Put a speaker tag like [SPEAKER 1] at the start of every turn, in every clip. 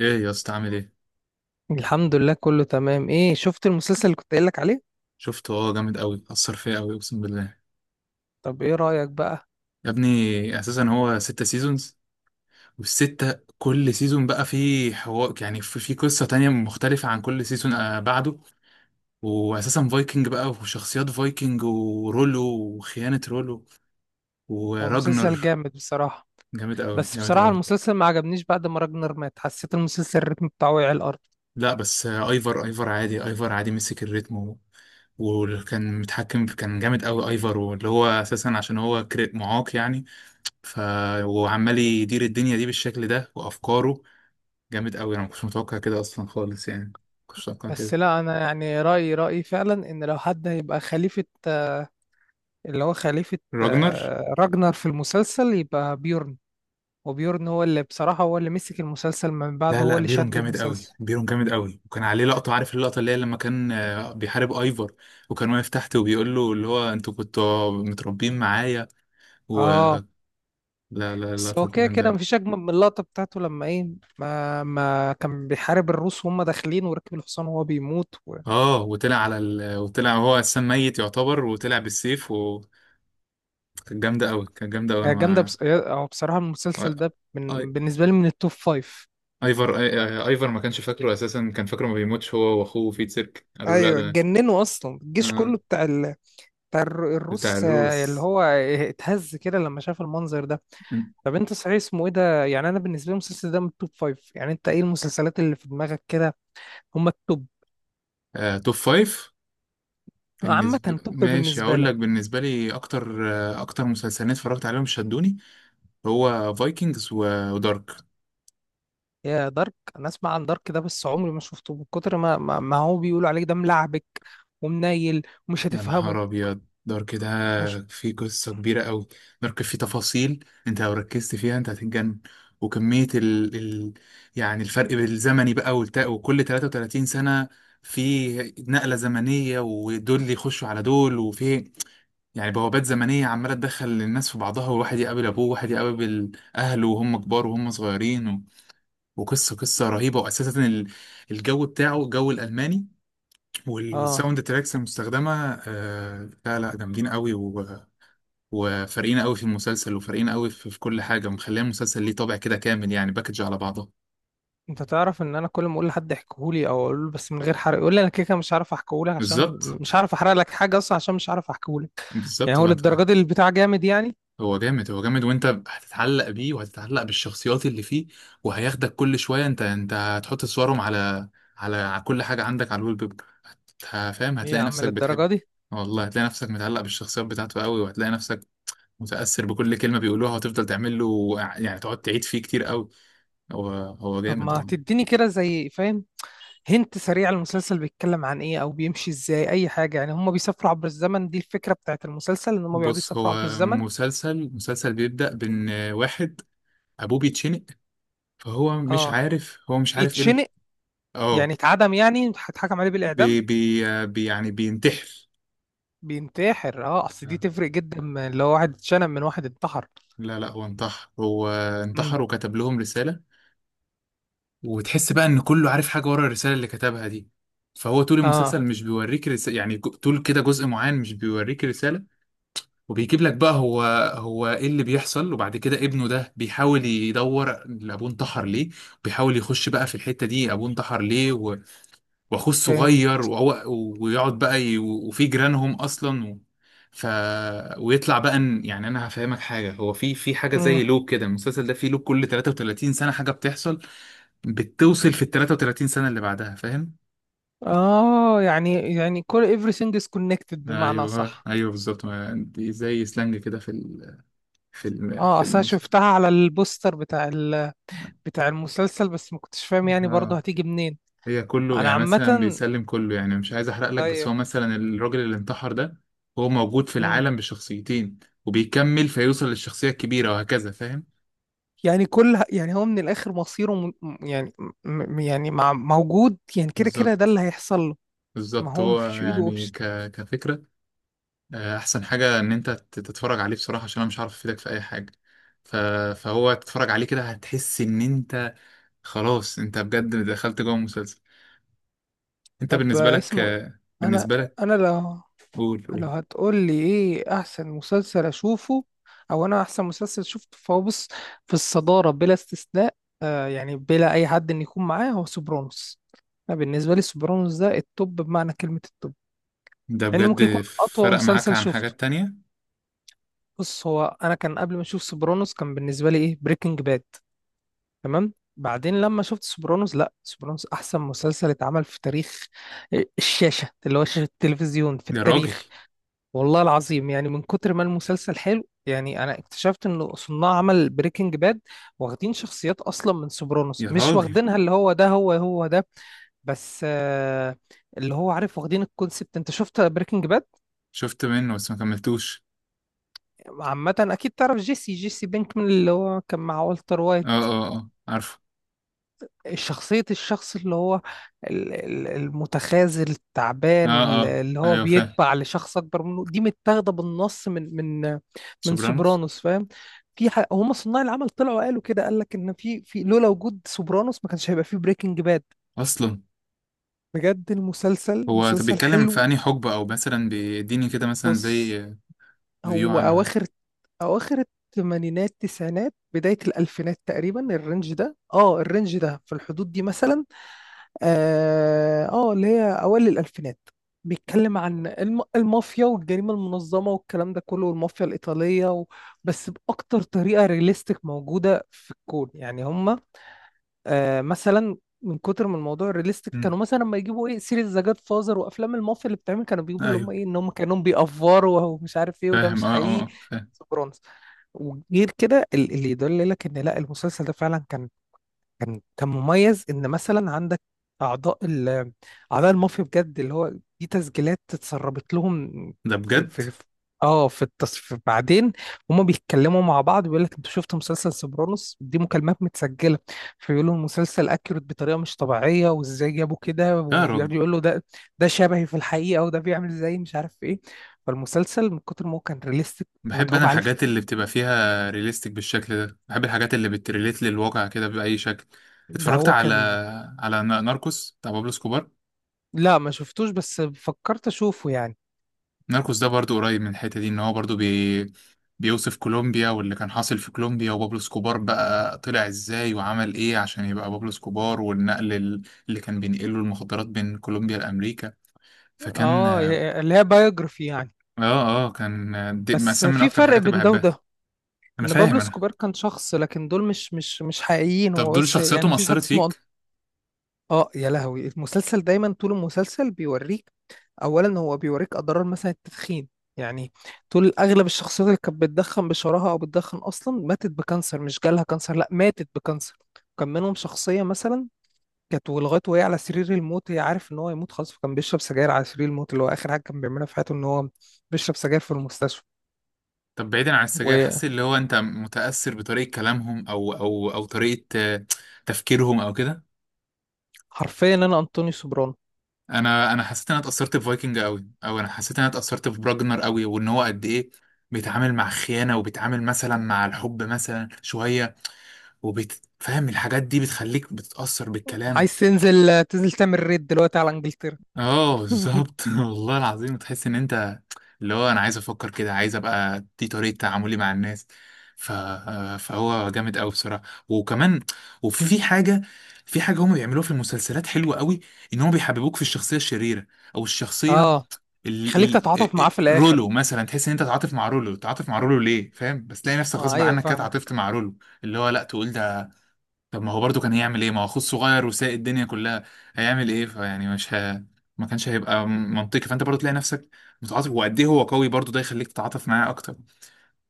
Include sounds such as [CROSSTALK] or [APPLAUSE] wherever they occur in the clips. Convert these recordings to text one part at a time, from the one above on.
[SPEAKER 1] ايه يا اسطى عامل ايه؟
[SPEAKER 2] الحمد لله، كله تمام. ايه، شفت المسلسل اللي كنت قايل لك عليه؟
[SPEAKER 1] شفته. اه، جامد قوي، اثر فيا قوي، اقسم بالله.
[SPEAKER 2] طب ايه رأيك بقى؟
[SPEAKER 1] يا ابني، اساسا هو ستة سيزونز، والستة كل سيزون بقى فيه حوار، يعني في قصة تانية مختلفة عن كل سيزون بعده. واساسا فايكنج بقى وشخصيات فايكنج ورولو، وخيانة رولو،
[SPEAKER 2] هو مسلسل
[SPEAKER 1] وراجنر.
[SPEAKER 2] جامد بصراحة.
[SPEAKER 1] جامد قوي
[SPEAKER 2] بس
[SPEAKER 1] جامد
[SPEAKER 2] بصراحة
[SPEAKER 1] قوي.
[SPEAKER 2] المسلسل ما عجبنيش. بعد ما راجنر مات حسيت المسلسل الريتم بتاعه وقع الارض.
[SPEAKER 1] لا، بس ايفر ايفر عادي، ايفر عادي مسك الريتم وكان متحكم، كان جامد قوي ايفر، واللي هو اساسا عشان هو معاق يعني. ف وعمال يدير الدنيا دي بالشكل ده وافكاره. جامد قوي، انا ما كنتش متوقع كده اصلا خالص، يعني ما كنتش متوقع
[SPEAKER 2] بس
[SPEAKER 1] كده.
[SPEAKER 2] لا، انا يعني رأيي فعلا ان لو حد هيبقى خليفة، اللي هو خليفة،
[SPEAKER 1] راجنر.
[SPEAKER 2] راجنر في المسلسل يبقى بيورن. وبيورن هو اللي بصراحة، هو اللي مسك المسلسل من
[SPEAKER 1] لا
[SPEAKER 2] بعده، هو
[SPEAKER 1] لا،
[SPEAKER 2] اللي
[SPEAKER 1] بيرون
[SPEAKER 2] شد
[SPEAKER 1] جامد قوي،
[SPEAKER 2] المسلسل.
[SPEAKER 1] بيرون جامد قوي، وكان عليه لقطه، عارف اللقطه اللي هي لما كان بيحارب ايفر، وكان واقف تحت وبيقول له اللي هو انتوا كنتوا متربيين معايا. و
[SPEAKER 2] اه.
[SPEAKER 1] لا لا،
[SPEAKER 2] بس
[SPEAKER 1] اللقطه
[SPEAKER 2] هو
[SPEAKER 1] دي
[SPEAKER 2] كده
[SPEAKER 1] جامده.
[SPEAKER 2] كده مفيش أجمل من اللقطة بتاعته لما إيه، ما كان بيحارب الروس وهم داخلين وركب الحصان وهو بيموت.
[SPEAKER 1] اه، وطلع على وطلع هو السام ميت يعتبر، وطلع بالسيف، وكانت جامده قوي، كانت جامده قوي.
[SPEAKER 2] يعني جامدة،
[SPEAKER 1] انا
[SPEAKER 2] بس أو بصراحة،
[SPEAKER 1] ما
[SPEAKER 2] بالنسبة لي من التوب فايف.
[SPEAKER 1] ايفر ايفر ما كانش فاكره اساسا، كان فاكره ما بيموتش هو واخوه في سيرك، قالوا له لا
[SPEAKER 2] أيوة،
[SPEAKER 1] ده.
[SPEAKER 2] اتجننوا أصلا الجيش كله
[SPEAKER 1] آه.
[SPEAKER 2] بتاع ال... بتاع الر-
[SPEAKER 1] بتاع
[SPEAKER 2] الروس، اللي
[SPEAKER 1] الروس.
[SPEAKER 2] هو اتهز كده لما شاف المنظر ده. طب أنت صحيح اسمه إيه ده؟ يعني أنا بالنسبة لي المسلسل ده من التوب فايف. يعني أنت إيه المسلسلات اللي في دماغك كده؟ هم التوب
[SPEAKER 1] آه، توب فايف. بالنسبة،
[SPEAKER 2] عامة، توب
[SPEAKER 1] ماشي
[SPEAKER 2] بالنسبة
[SPEAKER 1] هقول
[SPEAKER 2] لك.
[SPEAKER 1] لك، بالنسبة لي أكتر أكتر مسلسلين اتفرجت عليهم شدوني هو فايكنجز ودارك.
[SPEAKER 2] يا دارك، انا اسمع عن دارك ده بس عمري ما شفته، من كتر ما هو بيقولوا عليك ده ملعبك ومنيل ومش
[SPEAKER 1] يا
[SPEAKER 2] هتفهمه.
[SPEAKER 1] نهار أبيض، دارك
[SPEAKER 2] مش
[SPEAKER 1] ده فيه قصة كبيرة أوي. دارك فيه تفاصيل، أنت لو ركزت فيها أنت هتتجنن. وكمية يعني الفرق بالزمني بقى وكل 33 سنة في نقلة زمنية، ودول يخشوا على دول، وفي يعني بوابات زمنية عمالة تدخل الناس في بعضها، وواحد يقابل أبوه، وواحد يقابل أهله وهم كبار وهم صغيرين وقصة رهيبة. وأساسا الجو بتاعه الجو الألماني،
[SPEAKER 2] اه.
[SPEAKER 1] والساوند تراكس المستخدمه، آه لا لا جامدين قوي وفارقين قوي في المسلسل، وفارقين قوي في كل حاجه، ومخليه المسلسل ليه طابع كده كامل، يعني باكج على بعضه.
[SPEAKER 2] انت تعرف ان انا كل ما اقول لحد احكيهولي او اقول له بس من غير حرق، يقول لي انا كده كده مش هعرف احكيهولك، عشان
[SPEAKER 1] بالظبط
[SPEAKER 2] مش هعرف احرق لك حاجه اصلا، عشان مش هعرف احكيهولك. يعني
[SPEAKER 1] بالظبط.
[SPEAKER 2] هو
[SPEAKER 1] هو انت،
[SPEAKER 2] للدرجه دي البتاع جامد يعني؟
[SPEAKER 1] هو جامد، هو جامد، وانت هتتعلق بيه وهتتعلق بالشخصيات اللي فيه، وهياخدك كل شويه. انت هتحط صورهم على على كل حاجه عندك، على الويب بيب. فاهم،
[SPEAKER 2] ايه يا
[SPEAKER 1] هتلاقي
[SPEAKER 2] عم
[SPEAKER 1] نفسك بتحب.
[SPEAKER 2] للدرجه دي؟
[SPEAKER 1] والله هتلاقي نفسك متعلق بالشخصيات بتاعته قوي، وهتلاقي نفسك متأثر بكل كلمة بيقولوها، وتفضل تعمل له، يعني تقعد تعيد فيه كتير قوي. هو
[SPEAKER 2] طب
[SPEAKER 1] جامد
[SPEAKER 2] ما
[SPEAKER 1] هو.
[SPEAKER 2] تديني كده زي فاهم. هنت سريع، المسلسل بيتكلم عن ايه او بيمشي ازاي؟ اي حاجه يعني. هم بيسافروا عبر الزمن؟ دي الفكره بتاعت المسلسل ان هم بيقعدوا
[SPEAKER 1] بص،
[SPEAKER 2] يسافروا عبر
[SPEAKER 1] هو
[SPEAKER 2] الزمن؟
[SPEAKER 1] مسلسل بيبدأ بإن واحد أبوه بيتشنق، فهو مش
[SPEAKER 2] اه.
[SPEAKER 1] عارف هو مش عارف إيه
[SPEAKER 2] بيتشنق
[SPEAKER 1] اه،
[SPEAKER 2] يعني اتعدم يعني هيتحكم عليه بالإعدام؟
[SPEAKER 1] يعني بينتحر.
[SPEAKER 2] بينتحر. اه، اصل دي تفرق جدا من لو واحد اتشنم من واحد انتحر.
[SPEAKER 1] لا لا، هو انتحر، هو
[SPEAKER 2] امم.
[SPEAKER 1] انتحر وكتب لهم رسالة، وتحس بقى إن كله عارف حاجة ورا الرسالة اللي كتبها دي. فهو طول المسلسل
[SPEAKER 2] اه،
[SPEAKER 1] مش بيوريك رسالة، يعني طول كده جزء معين مش بيوريك رسالة، وبيجيب لك بقى هو، هو ايه اللي بيحصل. وبعد كده ابنه ده بيحاول يدور ابوه انتحر ليه، بيحاول يخش بقى في الحتة دي ابوه انتحر ليه واخوه الصغير
[SPEAKER 2] فهمت.
[SPEAKER 1] ويقعد بقى وفي جيرانهم اصلا ف ويطلع بقى ان، يعني انا هفهمك حاجة، هو في حاجة زي
[SPEAKER 2] امم.
[SPEAKER 1] لوب كده، المسلسل ده فيه لوب كل 33 سنة حاجة بتحصل بتوصل في ال 33 سنة اللي بعدها، فاهم؟
[SPEAKER 2] اه، يعني كل everything is connected، بمعنى
[SPEAKER 1] ايوه،
[SPEAKER 2] صح؟
[SPEAKER 1] ايوه بالظبط. دي زي سلانج كده في
[SPEAKER 2] اه،
[SPEAKER 1] في
[SPEAKER 2] اصل أنا
[SPEAKER 1] المسلسل.
[SPEAKER 2] شفتها على البوستر بتاع المسلسل، بس ما كنتش فاهم يعني برضه
[SPEAKER 1] آه.
[SPEAKER 2] هتيجي منين.
[SPEAKER 1] هي كله،
[SPEAKER 2] انا
[SPEAKER 1] يعني مثلا
[SPEAKER 2] عامة.
[SPEAKER 1] بيسلم كله، يعني مش عايز احرق لك، بس هو
[SPEAKER 2] ايوه.
[SPEAKER 1] مثلا الراجل اللي انتحر ده هو موجود في
[SPEAKER 2] امم.
[SPEAKER 1] العالم بشخصيتين، وبيكمل فيوصل للشخصية الكبيرة، وهكذا فاهم.
[SPEAKER 2] يعني كل يعني، هو من الاخر مصيره موجود يعني كده كده، ده
[SPEAKER 1] بالظبط
[SPEAKER 2] اللي هيحصل له. ما
[SPEAKER 1] بالظبط،
[SPEAKER 2] هو
[SPEAKER 1] هو
[SPEAKER 2] مفيش في ايده.
[SPEAKER 1] يعني كفكرة. احسن حاجة ان انت تتفرج عليه بصراحة، عشان انا مش عارف افيدك في اي حاجة. ف... فهو تتفرج عليه كده هتحس ان انت خلاص، انت بجد دخلت جوه المسلسل. انت
[SPEAKER 2] طب
[SPEAKER 1] بالنسبة لك
[SPEAKER 2] اسمه إيه؟
[SPEAKER 1] آه،
[SPEAKER 2] انا
[SPEAKER 1] بالنسبة لك.
[SPEAKER 2] انا لو
[SPEAKER 1] قول قول.
[SPEAKER 2] لو هتقول لي ايه احسن مسلسل اشوفه او انا احسن مسلسل شفته، فهو بص، في الصدارة بلا استثناء، يعني بلا اي حد ان يكون معاه، هو سوبرانوس. انا بالنسبة لي سوبرانوس ده التوب، بمعنى كلمة التوب.
[SPEAKER 1] ده
[SPEAKER 2] لانه ممكن
[SPEAKER 1] بجد
[SPEAKER 2] يكون اطول
[SPEAKER 1] فرق معاك
[SPEAKER 2] مسلسل
[SPEAKER 1] عن
[SPEAKER 2] شفته.
[SPEAKER 1] حاجات تانية.
[SPEAKER 2] بص، هو انا كان قبل ما اشوف سوبرانوس كان بالنسبة لي ايه، بريكنج باد. تمام. بعدين لما شفت سوبرانوس، لا، سوبرانوس احسن مسلسل اتعمل في تاريخ، الشاشة اللي هو شاشة التلفزيون، في
[SPEAKER 1] يا راجل.
[SPEAKER 2] التاريخ. والله العظيم يعني من كتر ما المسلسل حلو، يعني انا اكتشفت انه صناع عمل بريكنج باد واخدين شخصيات اصلا من سوبرانوس،
[SPEAKER 1] يا
[SPEAKER 2] مش
[SPEAKER 1] راجل،
[SPEAKER 2] واخدينها اللي هو ده، هو هو ده. بس اللي هو عارف، واخدين الكونسبت. انت شفت بريكنج باد
[SPEAKER 1] شفت منه بس ما كملتوش.
[SPEAKER 2] عامة؟ اكيد تعرف جيسي بينكمان اللي هو كان مع والتر
[SPEAKER 1] اه،
[SPEAKER 2] وايت.
[SPEAKER 1] اه، اه، عارفه.
[SPEAKER 2] شخصية الشخص اللي هو المتخاذل
[SPEAKER 1] اه،
[SPEAKER 2] التعبان،
[SPEAKER 1] اه،
[SPEAKER 2] اللي هو
[SPEAKER 1] ايوه فاهم.
[SPEAKER 2] بيتبع لشخص أكبر منه، دي متاخدة بالنص من من
[SPEAKER 1] سوبرانوس.
[SPEAKER 2] سوبرانوس، فاهم. هما صناع العمل طلعوا قالوا كده، قال لك إن في لولا وجود سوبرانوس ما كانش هيبقى في بريكنج باد.
[SPEAKER 1] اصلا.
[SPEAKER 2] بجد المسلسل
[SPEAKER 1] هو طب
[SPEAKER 2] مسلسل
[SPEAKER 1] بيتكلم في
[SPEAKER 2] حلو.
[SPEAKER 1] انهي حقبة؟ او مثلا بيديني كده مثلا
[SPEAKER 2] بص
[SPEAKER 1] زي فيو
[SPEAKER 2] هو
[SPEAKER 1] عنه، يعني.
[SPEAKER 2] أواخر أواخر الثمانينات، تسعينات، بداية الألفينات تقريبا، الرينج ده في الحدود دي مثلا. اللي هي أوائل الألفينات. بيتكلم عن المافيا والجريمة المنظمة والكلام ده كله، والمافيا الإيطالية. بس بأكتر طريقة رياليستيك موجودة في الكون يعني هم، مثلا، من كتر من الموضوع الريليستيك
[SPEAKER 1] مم.
[SPEAKER 2] كانوا مثلا لما يجيبوا ايه سيريز ذا جاد فازر وافلام المافيا اللي بتعمل، كانوا بيجيبوا اللي
[SPEAKER 1] ايوه
[SPEAKER 2] هم ايه ان هم كانوا بيأفوروا [LAUGHS] ومش عارف ايه وده
[SPEAKER 1] فاهم.
[SPEAKER 2] مش
[SPEAKER 1] اه اه،
[SPEAKER 2] حقيقي.
[SPEAKER 1] فاهم.
[SPEAKER 2] سوبرانوس، وغير كده اللي يدل لك ان لا المسلسل ده فعلا كان مميز، ان مثلا عندك اعضاء ال اعضاء المافيا بجد، اللي هو دي تسجيلات اتسربت لهم
[SPEAKER 1] ده
[SPEAKER 2] في
[SPEAKER 1] بجد.
[SPEAKER 2] في في- اه في التصف بعدين. هما بيتكلموا مع بعض، بيقول لك انت شفت مسلسل سوبرانوس، دي مكالمات متسجله. فيقولوا المسلسل اكيوريت بطريقه مش طبيعيه، وازاي جابوا كده.
[SPEAKER 1] لا يا راجل.
[SPEAKER 2] وبيقعد يقول له ده، ده شبهي في الحقيقه، وده بيعمل زي مش عارف ايه. فالمسلسل من كتر ما هو كان ريليستيك،
[SPEAKER 1] بحب انا
[SPEAKER 2] متعوب عليه في.
[SPEAKER 1] الحاجات اللي بتبقى فيها ريليستيك بالشكل ده، بحب الحاجات اللي بتريليت للواقع كده بأي شكل.
[SPEAKER 2] ده
[SPEAKER 1] اتفرجت
[SPEAKER 2] هو
[SPEAKER 1] على
[SPEAKER 2] كان.
[SPEAKER 1] على ناركوس بتاع بابلو سكوبار.
[SPEAKER 2] لا، ما شفتوش، بس فكرت اشوفه يعني.
[SPEAKER 1] ناركوس ده برضو قريب من الحتة دي، ان هو برضو بيوصف كولومبيا واللي كان حاصل في كولومبيا، وبابلو سكوبار بقى طلع ازاي وعمل ايه عشان يبقى بابلو سكوبار، والنقل اللي كان بينقله المخدرات بين كولومبيا لأمريكا. فكان
[SPEAKER 2] اه،
[SPEAKER 1] اه،
[SPEAKER 2] اللي هي بايوجرافي يعني.
[SPEAKER 1] اه كان دي
[SPEAKER 2] بس
[SPEAKER 1] مثلا من
[SPEAKER 2] في
[SPEAKER 1] اكتر
[SPEAKER 2] فرق
[SPEAKER 1] الحاجات اللي
[SPEAKER 2] بين ده
[SPEAKER 1] بحبها.
[SPEAKER 2] وده،
[SPEAKER 1] انا
[SPEAKER 2] ان بابلو
[SPEAKER 1] فاهم انا.
[SPEAKER 2] اسكوبار كان شخص لكن دول مش حقيقيين. هو
[SPEAKER 1] طب دول
[SPEAKER 2] بس يعني
[SPEAKER 1] شخصياتهم
[SPEAKER 2] مفيش حد
[SPEAKER 1] أثرت
[SPEAKER 2] اسمه
[SPEAKER 1] فيك؟
[SPEAKER 2] اه يا لهوي، المسلسل دايما طول المسلسل بيوريك. اولا هو بيوريك اضرار مثلا التدخين يعني، طول اغلب الشخصيات اللي كانت بتدخن بشراهه او بتدخن اصلا ماتت بكانسر. مش جالها كانسر، لا، ماتت بكانسر. كان منهم شخصيه مثلا، كانت ولغايه وهي على سرير الموت هي عارف ان هو يموت خلاص، فكان بيشرب سجاير على سرير الموت. اللي هو اخر حاجه كان بيعملها في حياته ان هو بيشرب سجاير في المستشفى
[SPEAKER 1] طب بعيدا عن السجاير،
[SPEAKER 2] وحرفيا.
[SPEAKER 1] حسيت اللي هو انت متأثر بطريقة كلامهم او طريقة آه، تفكيرهم او كده.
[SPEAKER 2] انا انطوني سوبرانو.
[SPEAKER 1] انا حسيت ان انا اتاثرت بفايكنج قوي، او انا حسيت ان انا اتاثرت براجنر قوي، وان هو قد ايه بيتعامل مع خيانه، وبيتعامل مثلا مع الحب مثلا شويه، وبتفهم الحاجات دي بتخليك بتتاثر بالكلام.
[SPEAKER 2] عايز تنزل تعمل ريد دلوقتي على انجلترا.
[SPEAKER 1] اه بالظبط، [LAUGHS] والله العظيم، تحس ان انت اللي هو انا عايز افكر كده، عايز ابقى دي طريقه تعاملي مع الناس. ف... فهو جامد قوي بصراحه. وكمان، وفي حاجه، في حاجه هم بيعملوها في المسلسلات حلوه قوي، ان هم بيحببوك في الشخصيه الشريره، او الشخصيه،
[SPEAKER 2] اه،
[SPEAKER 1] ال
[SPEAKER 2] يخليك تتعاطف معاه
[SPEAKER 1] ال
[SPEAKER 2] في الاخر.
[SPEAKER 1] رولو مثلا. تحس ان انت تعاطف مع رولو، تعاطف مع رولو ليه فاهم، بس تلاقي نفسك
[SPEAKER 2] اه
[SPEAKER 1] غصب
[SPEAKER 2] ايوه
[SPEAKER 1] عنك كده تعاطفت
[SPEAKER 2] فاهمك.
[SPEAKER 1] مع رولو. اللي هو لا، تقول ده طب ما هو برضه كان هيعمل ايه؟ ما هو اخوه الصغير وسايق الدنيا كلها، هيعمل ايه؟ فيعني مش ما كانش هيبقى منطقي، فانت برضه تلاقي نفسك متعاطف، وقد ايه هو قوي برضه ده يخليك تتعاطف معاه اكتر،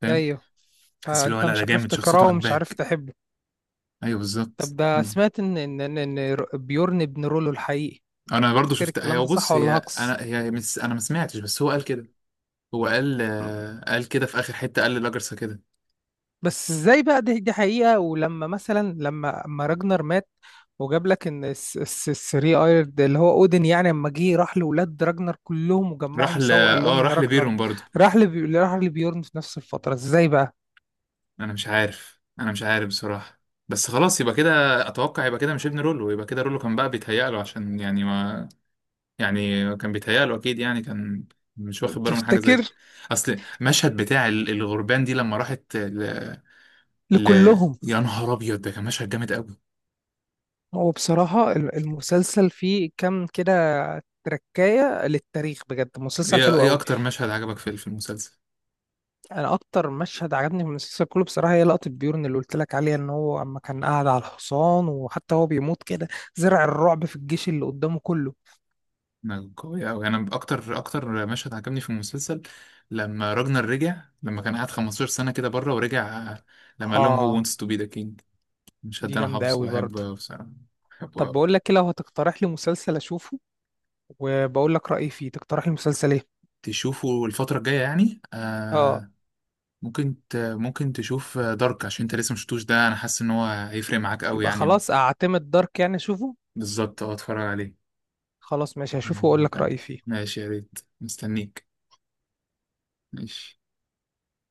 [SPEAKER 1] فاهم.
[SPEAKER 2] ايوه،
[SPEAKER 1] تحس اللي هو
[SPEAKER 2] فانت
[SPEAKER 1] لا ده
[SPEAKER 2] مش عارف
[SPEAKER 1] جامد، شخصيته
[SPEAKER 2] تكرهه ومش عارف
[SPEAKER 1] عجباك.
[SPEAKER 2] تحبه.
[SPEAKER 1] ايوه بالظبط
[SPEAKER 2] طب ده
[SPEAKER 1] بالظبط.
[SPEAKER 2] سمعت ان ان ان إن بيورن ابن رولو الحقيقي؟
[SPEAKER 1] انا برضه
[SPEAKER 2] تفتكر
[SPEAKER 1] شفت. هي
[SPEAKER 2] الكلام ده صح
[SPEAKER 1] بص
[SPEAKER 2] ولا
[SPEAKER 1] هي
[SPEAKER 2] هقص؟
[SPEAKER 1] انا هي انا ما سمعتش، بس هو قال كده. هو قال قال كده في اخر حته، قال للاجرسه كده.
[SPEAKER 2] بس ازاي بقى دي حقيقة ولما مثلا لما اما راجنر مات، وجاب لك ان الثري ايرد اللي هو اودن يعني، اما جه راح لولاد راجنر كلهم
[SPEAKER 1] راح
[SPEAKER 2] وجمعهم
[SPEAKER 1] ل
[SPEAKER 2] سوا وقال
[SPEAKER 1] اه
[SPEAKER 2] لهم ان
[SPEAKER 1] راح
[SPEAKER 2] راجنر
[SPEAKER 1] لبيرون
[SPEAKER 2] مات.
[SPEAKER 1] برضو.
[SPEAKER 2] راح لبيورن في نفس الفترة. ازاي بقى؟
[SPEAKER 1] انا مش عارف بصراحة، بس خلاص يبقى كده. اتوقع يبقى كده، مش ابن رولو، يبقى كده رولو كان بقى بيتهيأ له، عشان يعني ما، يعني كان بيتهيأ له اكيد، يعني كان مش واخد باله من حاجة زي كده.
[SPEAKER 2] تفتكر؟
[SPEAKER 1] اصل مشهد بتاع الغربان دي لما راحت ل...
[SPEAKER 2] لكلهم.
[SPEAKER 1] يا نهار ابيض، ده كان مشهد جامد قوي.
[SPEAKER 2] هو بصراحة المسلسل فيه كام كده تركاية للتاريخ، بجد مسلسل
[SPEAKER 1] ايه
[SPEAKER 2] حلو
[SPEAKER 1] ايه
[SPEAKER 2] قوي.
[SPEAKER 1] اكتر مشهد عجبك في المسلسل؟
[SPEAKER 2] انا اكتر مشهد عجبني من المسلسل كله بصراحه هي لقطه بيورن اللي قلت لك عليها ان هو اما كان قاعد على الحصان وحتى هو بيموت كده، زرع الرعب في الجيش اللي قدامه كله.
[SPEAKER 1] ما قوي قوي، انا اكتر اكتر مشهد عجبني في المسلسل لما راجنر رجع، لما كان قاعد 15 سنة كده بره ورجع، لما قال لهم هو wants
[SPEAKER 2] اه،
[SPEAKER 1] to be the king. المشهد
[SPEAKER 2] دي
[SPEAKER 1] ده انا
[SPEAKER 2] جامده
[SPEAKER 1] حافظه
[SPEAKER 2] قوي برضه.
[SPEAKER 1] واحبه أوي بصراحة. بحبه
[SPEAKER 2] طب
[SPEAKER 1] أوي.
[SPEAKER 2] بقول لك إيه، لو هتقترح لي مسلسل اشوفه وبقول لك رايي فيه، تقترح لي مسلسل ايه؟
[SPEAKER 1] تشوفه الفترة الجاية، يعني
[SPEAKER 2] اه،
[SPEAKER 1] ممكن ممكن تشوف دارك، عشان انت لسه مشفتوش ده، انا حاسس ان هو هيفرق معاك قوي
[SPEAKER 2] يبقى
[SPEAKER 1] يعني.
[SPEAKER 2] خلاص اعتمد دارك، يعني اشوفه.
[SPEAKER 1] بالظبط، اه اتفرج عليه.
[SPEAKER 2] خلاص ماشي، هشوفه واقول
[SPEAKER 1] هيعجبك
[SPEAKER 2] لك
[SPEAKER 1] أوي.
[SPEAKER 2] رايي فيه.
[SPEAKER 1] ماشي، يا ريت مستنيك. ماشي